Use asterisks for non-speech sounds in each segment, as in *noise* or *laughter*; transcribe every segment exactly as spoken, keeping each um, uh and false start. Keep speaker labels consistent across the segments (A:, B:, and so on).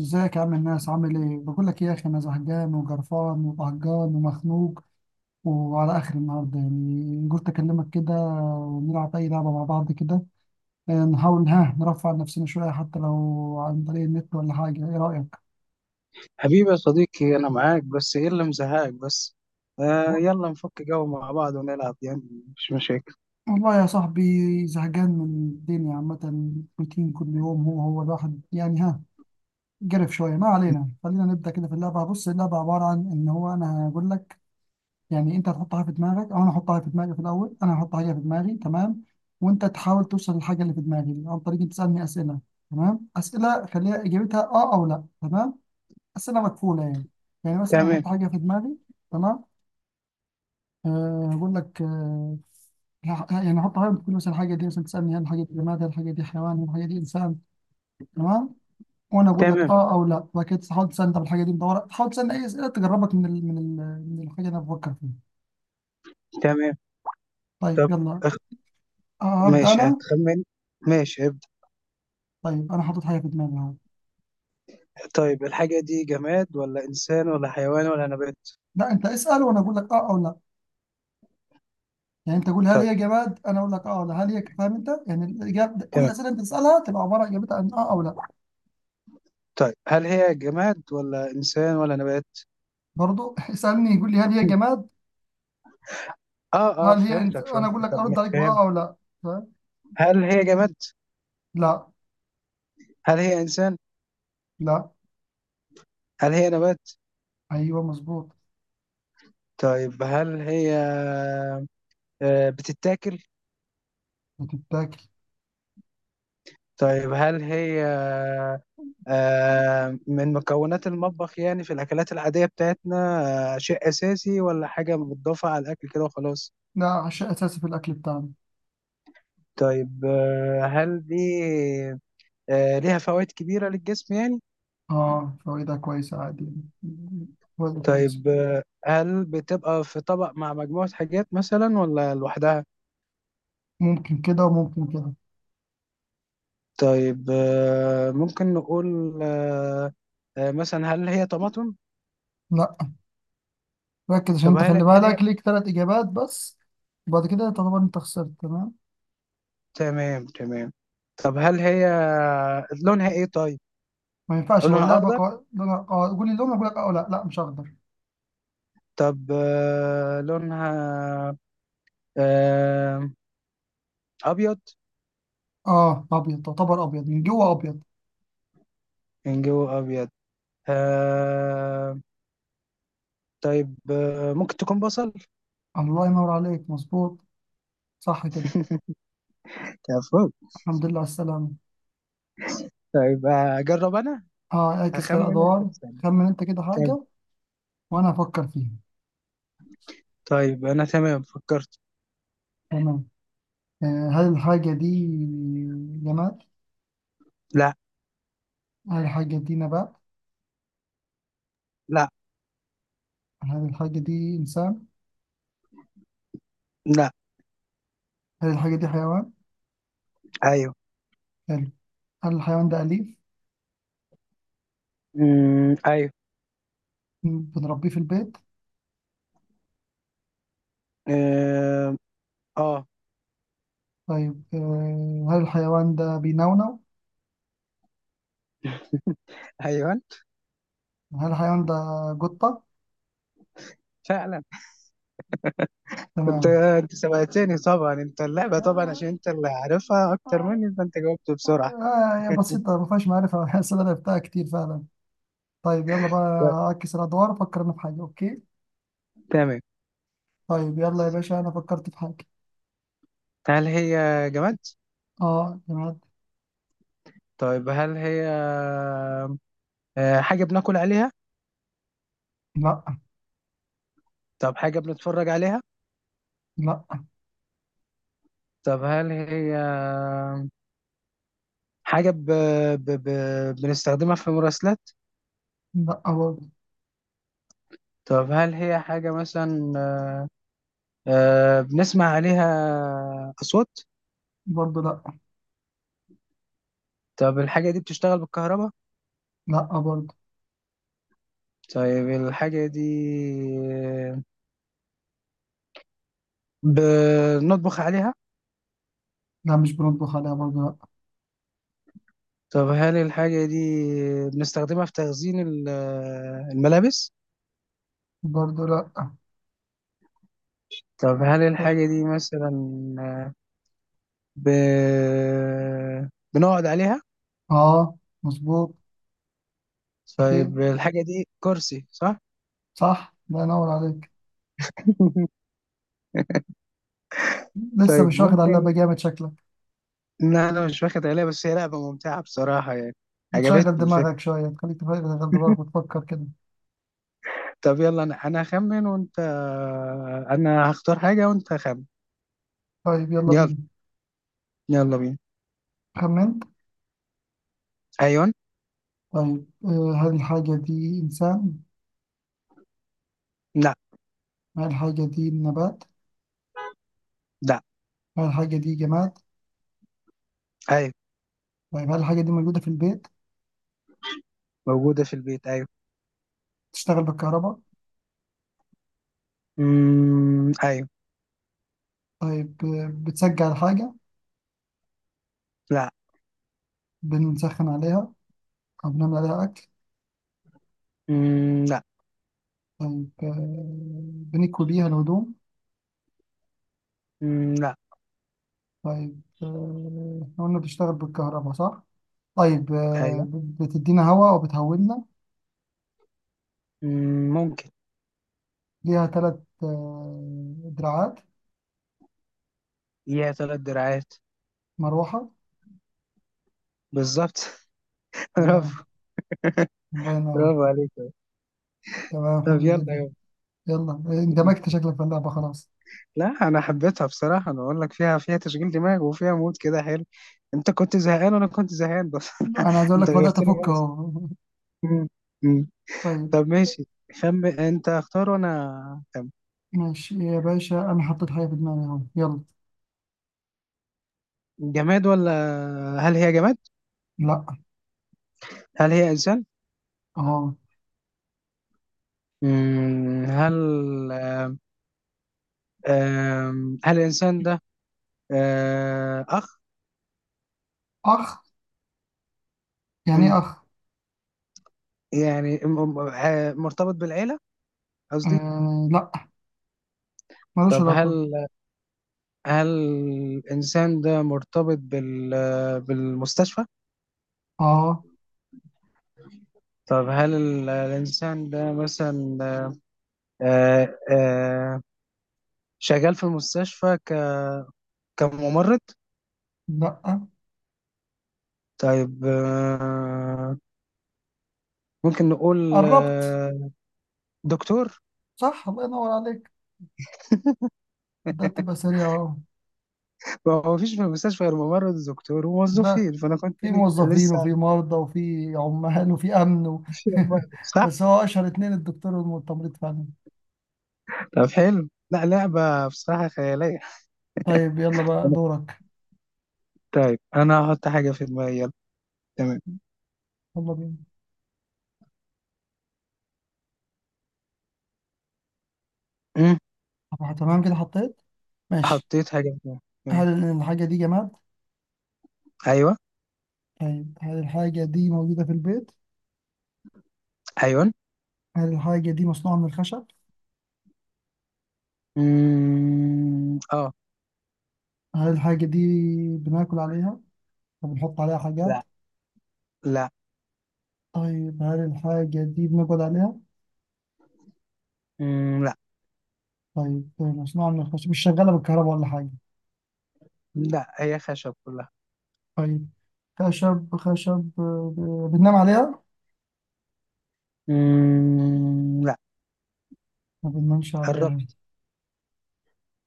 A: ازيك يا عم الناس عامل ايه؟ بقول لك ايه يا اخي، انا زهقان وجرفان وقهقان ومخنوق، وعلى اخر النهارده يعني قلت اكلمك كده، ونلعب اي لعبه مع بعض كده. آه، نحاول ها نرفع عن نفسنا شويه حتى لو عن طريق النت ولا حاجه. ايه رايك؟
B: حبيبي يا صديقي، أنا معاك. بس إيه اللي مزهقك بس؟ آه
A: و-
B: يلا نفك جو مع بعض ونلعب يعني. مش مشاكل.
A: والله يا صاحبي، زهقان من الدنيا عامه، روتين كل يوم هو هو الواحد يعني. ها قرف شويه. ما علينا، خلينا نبدا كده في اللعبه. بص، اللعبه عباره عن ان هو انا هقول لك، يعني انت هتحطها في دماغك او انا احطها في دماغي. في الاول انا هحط حاجه في دماغي، تمام، وانت تحاول توصل للحاجه اللي في دماغي دي عن طريق إنك تسالني اسئله. تمام، اسئله خليها اجابتها اه او لا. تمام، اسئله مكفوله يعني. يعني مثلا انا
B: تمام،
A: احط حاجه في دماغي، تمام. أه، هقول لك. أه ه- يعني احط حاجه، تقول مثلا الحاجه دي، مثلا تسالني هل الحاجه دي جماد، هل الحاجه دي حيوان، هل الحاجه دي انسان، تمام، وانا اقول لك
B: تمام،
A: اه او لا. وبعد كده تحاول تسالني طب الحاجه دي مدوره، تحاول تسالني اي اسئله تجربك من ال... من ال... من الحاجه اللي انا بفكر فيها.
B: تمام.
A: طيب
B: طب
A: يلا.
B: أخ...
A: آه، ابدا
B: ماشي،
A: انا.
B: هتخمن. ماشي، ابدأ.
A: طيب انا حاطط حاجه في دماغي اهو.
B: طيب، الحاجة دي جماد ولا إنسان ولا حيوان ولا نبات؟
A: لا، انت اسال وانا اقول لك اه او لا. يعني انت قول هل
B: طيب.
A: هي جماد، انا اقول لك اه او لا. هل هي فاهم انت؟ يعني الاجابه، كل
B: تمام.
A: الاسئله انت تسالها تبقى عباره اجابتها عن اه او لا.
B: طيب، هل هي جماد ولا إنسان ولا نبات؟
A: برضو *laughs* اسالني، يقول لي هل هي جماد.
B: آه، آه،
A: هل هي انت
B: فهمتك،
A: انا
B: فهمت.
A: اقول لك
B: طب ما-
A: ارد عليك باه
B: فهمت.
A: او لا. فاهم.
B: هل هي جماد؟
A: لا.
B: هل هي إنسان؟
A: لا.
B: هل هي نبات؟
A: ايوه مظبوط.
B: طيب، هل هي آه بتتاكل؟
A: بتتاكل.
B: طيب، هل هي آه، من مكونات المطبخ يعني، في الأكلات العادية بتاعتنا؟ آه، شيء أساسي ولا حاجة متضافة على الأكل كده وخلاص؟
A: لا، عشاء اساسي في الاكل بتاعنا.
B: طيب آه، هل دي آه، ليها فوائد كبيرة للجسم يعني؟
A: اه، فوائدها كويسه عادي. فوائدها كويسه.
B: طيب آه، هل بتبقى في طبق مع مجموعة حاجات مثلا ولا لوحدها؟
A: ممكن كده وممكن كده.
B: طيب آه، ممكن نقول آه، آه، مثلا هل هي طماطم؟
A: لا. ركز عشان
B: طب
A: انت
B: هل
A: خلي
B: هل هي
A: بالك ليك ثلاث اجابات بس، وبعد كده تعتبر انت خسرت. تمام.
B: تمام، تمام. طب هل هي آه، لونها ايه طيب؟
A: ما ينفعش، هو
B: لونها
A: اللعبه
B: اخضر.
A: قا... لونها قا... قول لي لون، اقول لك اه. لا لا، مش اخضر.
B: طب آه، لونها آه، ابيض،
A: اه، ابيض تعتبر، ابيض من جوه، ابيض.
B: من جوه ابيض. آه، طيب آه، ممكن تكون بصل.
A: الله ينور عليك، مظبوط. صح كده.
B: كفو.
A: الحمد لله على السلامه.
B: طيب آه، اجرب انا.
A: اه، اعكس كده
B: هخمن انت
A: ادوار.
B: تسألني.
A: خمن انت كده
B: طيب.
A: حاجه وانا افكر فيها.
B: طيب انا تمام، فكرت.
A: تمام. آه هل الحاجه دي جماد؟
B: لا،
A: هل الحاجه دي نبات؟
B: لا،
A: هل الحاجه دي انسان؟
B: لا.
A: هل الحاجه دي حيوان؟
B: ايوه.
A: حلو. هل الحيوان ده اليف؟
B: امم ايوه.
A: بنربيه في البيت؟
B: اه. آه،
A: طيب، آه هل الحيوان ده بينونو؟
B: *laughs* ايوه
A: هل الحيوان ده قطه؟
B: فعلا. انت
A: تمام.
B: انت سبقتني طبعا، انت اللعبه طبعا عشان انت اللي عارفها اكتر
A: آه
B: مني، فانت جاوبت بسرعه.
A: آه، هي بسيطة ما فيهاش معرفة. *laughs* بحس إن أنا لعبتها كتير فعلا. طيب يلا بقى. أعكس الأدوار، أفكر أنا في حاجة. أوكي.
B: تمام.
A: طيب يلا يا باشا، أنا فكرت في حاجة.
B: هل هي جماد؟
A: أه جماد.
B: طيب، هل هي آه، حاجة بناكل عليها؟
A: لا.
B: طب حاجة بنتفرج عليها؟
A: لا.
B: طب هل هي حاجة ب... ب... ب... بنستخدمها في مراسلات؟
A: لا برضه.
B: طب هل هي حاجة مثلا آه، آه، بنسمع عليها أصوات؟
A: برضه لا.
B: طب الحاجة دي بتشتغل بالكهرباء؟
A: لا برضه.
B: طيب الحاجة دي بنطبخ عليها؟
A: لا، مش بنطبخ عليها. برضه لا.
B: طب هل الحاجة دي بنستخدمها في تخزين ال- الملابس؟
A: برضه لا.
B: طب هل
A: برضه.
B: الحاجة دي مثلا ب... بنقعد عليها؟
A: أه مظبوط. أخير.
B: طيب الحاجة دي كرسي، صح؟
A: صح، الله ينور عليك.
B: *laughs*
A: لسه
B: طيب
A: مش واخد على اللعبة
B: ممكن.
A: جامد شكلك.
B: لا، أنا مش واخد عليها، بس هي لعبة ممتعة بصراحة يعني.
A: بتشغل
B: عجبتني الفكرة.
A: دماغك شوية، تخليك تفكر- تشغل دماغك وتفكر كده.
B: طب يلا، أنا أنا هخمن وأنت. أنا هختار حاجة وأنت خمن.
A: طيب يلا
B: يلا.
A: بينا.
B: يلا بينا.
A: خمنت.
B: أيوة.
A: طيب آه، هل الحاجة دي إنسان؟
B: لا.
A: هل الحاجة دي نبات؟
B: لا.
A: هل الحاجة دي جماد؟
B: أيوة.
A: طيب هل الحاجة دي موجودة في البيت؟
B: موجودة في البيت، أيوة.
A: بتشتغل بالكهرباء؟
B: أمم، أيوة.
A: طيب آه، بتسجل الحاجة؟
B: لا.
A: بنسخن عليها أو بنعمل عليها أكل؟
B: أمم، لا.
A: طيب آه، بنكوي بيها الهدوم؟
B: أمم، لا.
A: طيب آه، إحنا قلنا بتشتغل بالكهرباء صح؟ طيب، آه،
B: أيوة.
A: ب- بتدينا هواء وبتهولنا.
B: أمم، ممكن.
A: ليها ثلاث دراعات.
B: ليها ثلاث دراعات.
A: مروحة.
B: بالظبط *laughs*
A: تمام.
B: برافو.
A: الله ينور.
B: برافو عليك.
A: تمام،
B: طب
A: حلو
B: يلا.
A: جدا. يلا، آه، اندمجت شكلك في اللعبة خلاص.
B: لا، انا حبيتها بصراحه. انا اقول لك فيها فيها تشغيل دماغ وفيها مود كده حلو. انت كنت زهقان وانا كنت زهقان بس.
A: انا عايز
B: *laughs*
A: اقول
B: انت
A: لك بدأت
B: غيرت لي
A: افك
B: بس.
A: اهو.
B: مم. مم.
A: طيب
B: طب، ماشي. خم انت اختار وانا خم.
A: ماشي يا باشا، انا حطيت حاجة في دماغي اهو. يلا.
B: جماد ولا. هل هي جماد؟
A: لا.
B: هل هي انسان؟
A: اه.
B: مم. هل آم، هل الانسان ده آه، اخ.
A: اخ. يعني
B: مم.
A: ايه اخ؟
B: يعني م- م- آه، مرتبط بالعيله، قصدي.
A: آه، لا، ملوش
B: طب
A: علاقة.
B: هل هل الانسان ده مرتبط بال بالمستشفى.
A: اه.
B: طب هل ال- الإنسان ده مثلا آه، آه، شغال في المستشفى ك- كممرض؟
A: لا،
B: طيب آه، ممكن نقول
A: قربت.
B: آه، دكتور.
A: صح، الله ينور عليك. ده تبقى سريع اهو.
B: ما هو مفيش في المستشفى غير ممرض ودكتور
A: لا،
B: وموظفين، فأنا كنت
A: في
B: ل-
A: موظفين وفي
B: لسه
A: مرضى وفي عمال وفي امن و...
B: في ممرض،
A: *laughs*
B: صح؟
A: بس هو اشهر اتنين الدكتور والتمريض فعلا.
B: طب حلو. لا، لعبة بصراحة خيالية.
A: طيب يلا بقى دورك.
B: طيب أنا هحط حاجة في دماغي، يلا. تمام.
A: يلا بينا.
B: مم.
A: طب تمام كده حطيت. ماشي.
B: حطيت حاجة في دماغي. مم.
A: هل الحاجة دي جماد؟
B: أيوه.
A: طيب هل الحاجة دي موجودة في البيت؟
B: أيوه.
A: هل الحاجة دي مصنوعة من الخشب؟
B: مم. أه.
A: هل الحاجة دي بناكل عليها؟ طب بنحط عليها
B: لا.
A: حاجات؟
B: لا.
A: طيب هل الحاجة دي بنقعد عليها؟
B: مم.
A: طيب، آه، مصنوعة من الخشب، مش شغالة بالكهرباء ولا حاجة.
B: لا، هي خشب كلها.
A: طيب، خشب خشب. آه، آه، بننام عليها؟
B: مم... لا.
A: ما بننامش عليها.
B: قربت.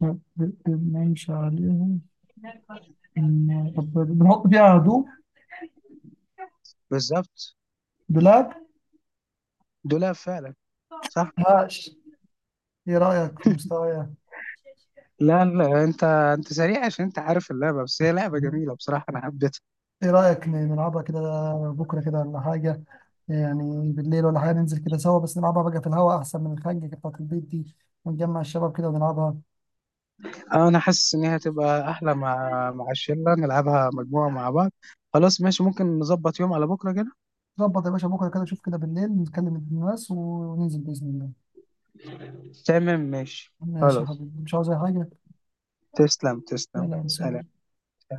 A: ما بننامش عليها. بن- طب بنحط فيها هدوم.
B: بالظبط.
A: دولاب؟
B: دولاب فعلا. صح.
A: هاش. ايه رأيك في مستوايا؟
B: لا، لا، انت انت سريع عشان انت عارف اللعبه، بس هي لعبه جميله بصراحه انا حبيتها.
A: ايه رأيك ن- نلعبها كده بكرة كده ولا حاجة؟ يعني بالليل ولا حاجة، ننزل كده سوا، بس نلعبها بقى في الهواء أحسن من الخنجة بتاعة البيت دي، ونجمع الشباب كده ونلعبها.
B: اه، انا حاسس ان هي هتبقى احلى مع مع الشله، نلعبها مجموعه مع بعض. خلاص ماشي، ممكن نظبط يوم على بكره كده.
A: ظبط يا باشا، بكرة كده شوف كده بالليل، نتكلم الناس وننزل بإذن الله.
B: تمام، ماشي،
A: ماشي يا
B: خلاص.
A: حبيبي، مش عاوز أي حاجة.
B: تسلم،
A: لا
B: تسلم،
A: لا،
B: سلام.
A: سلام.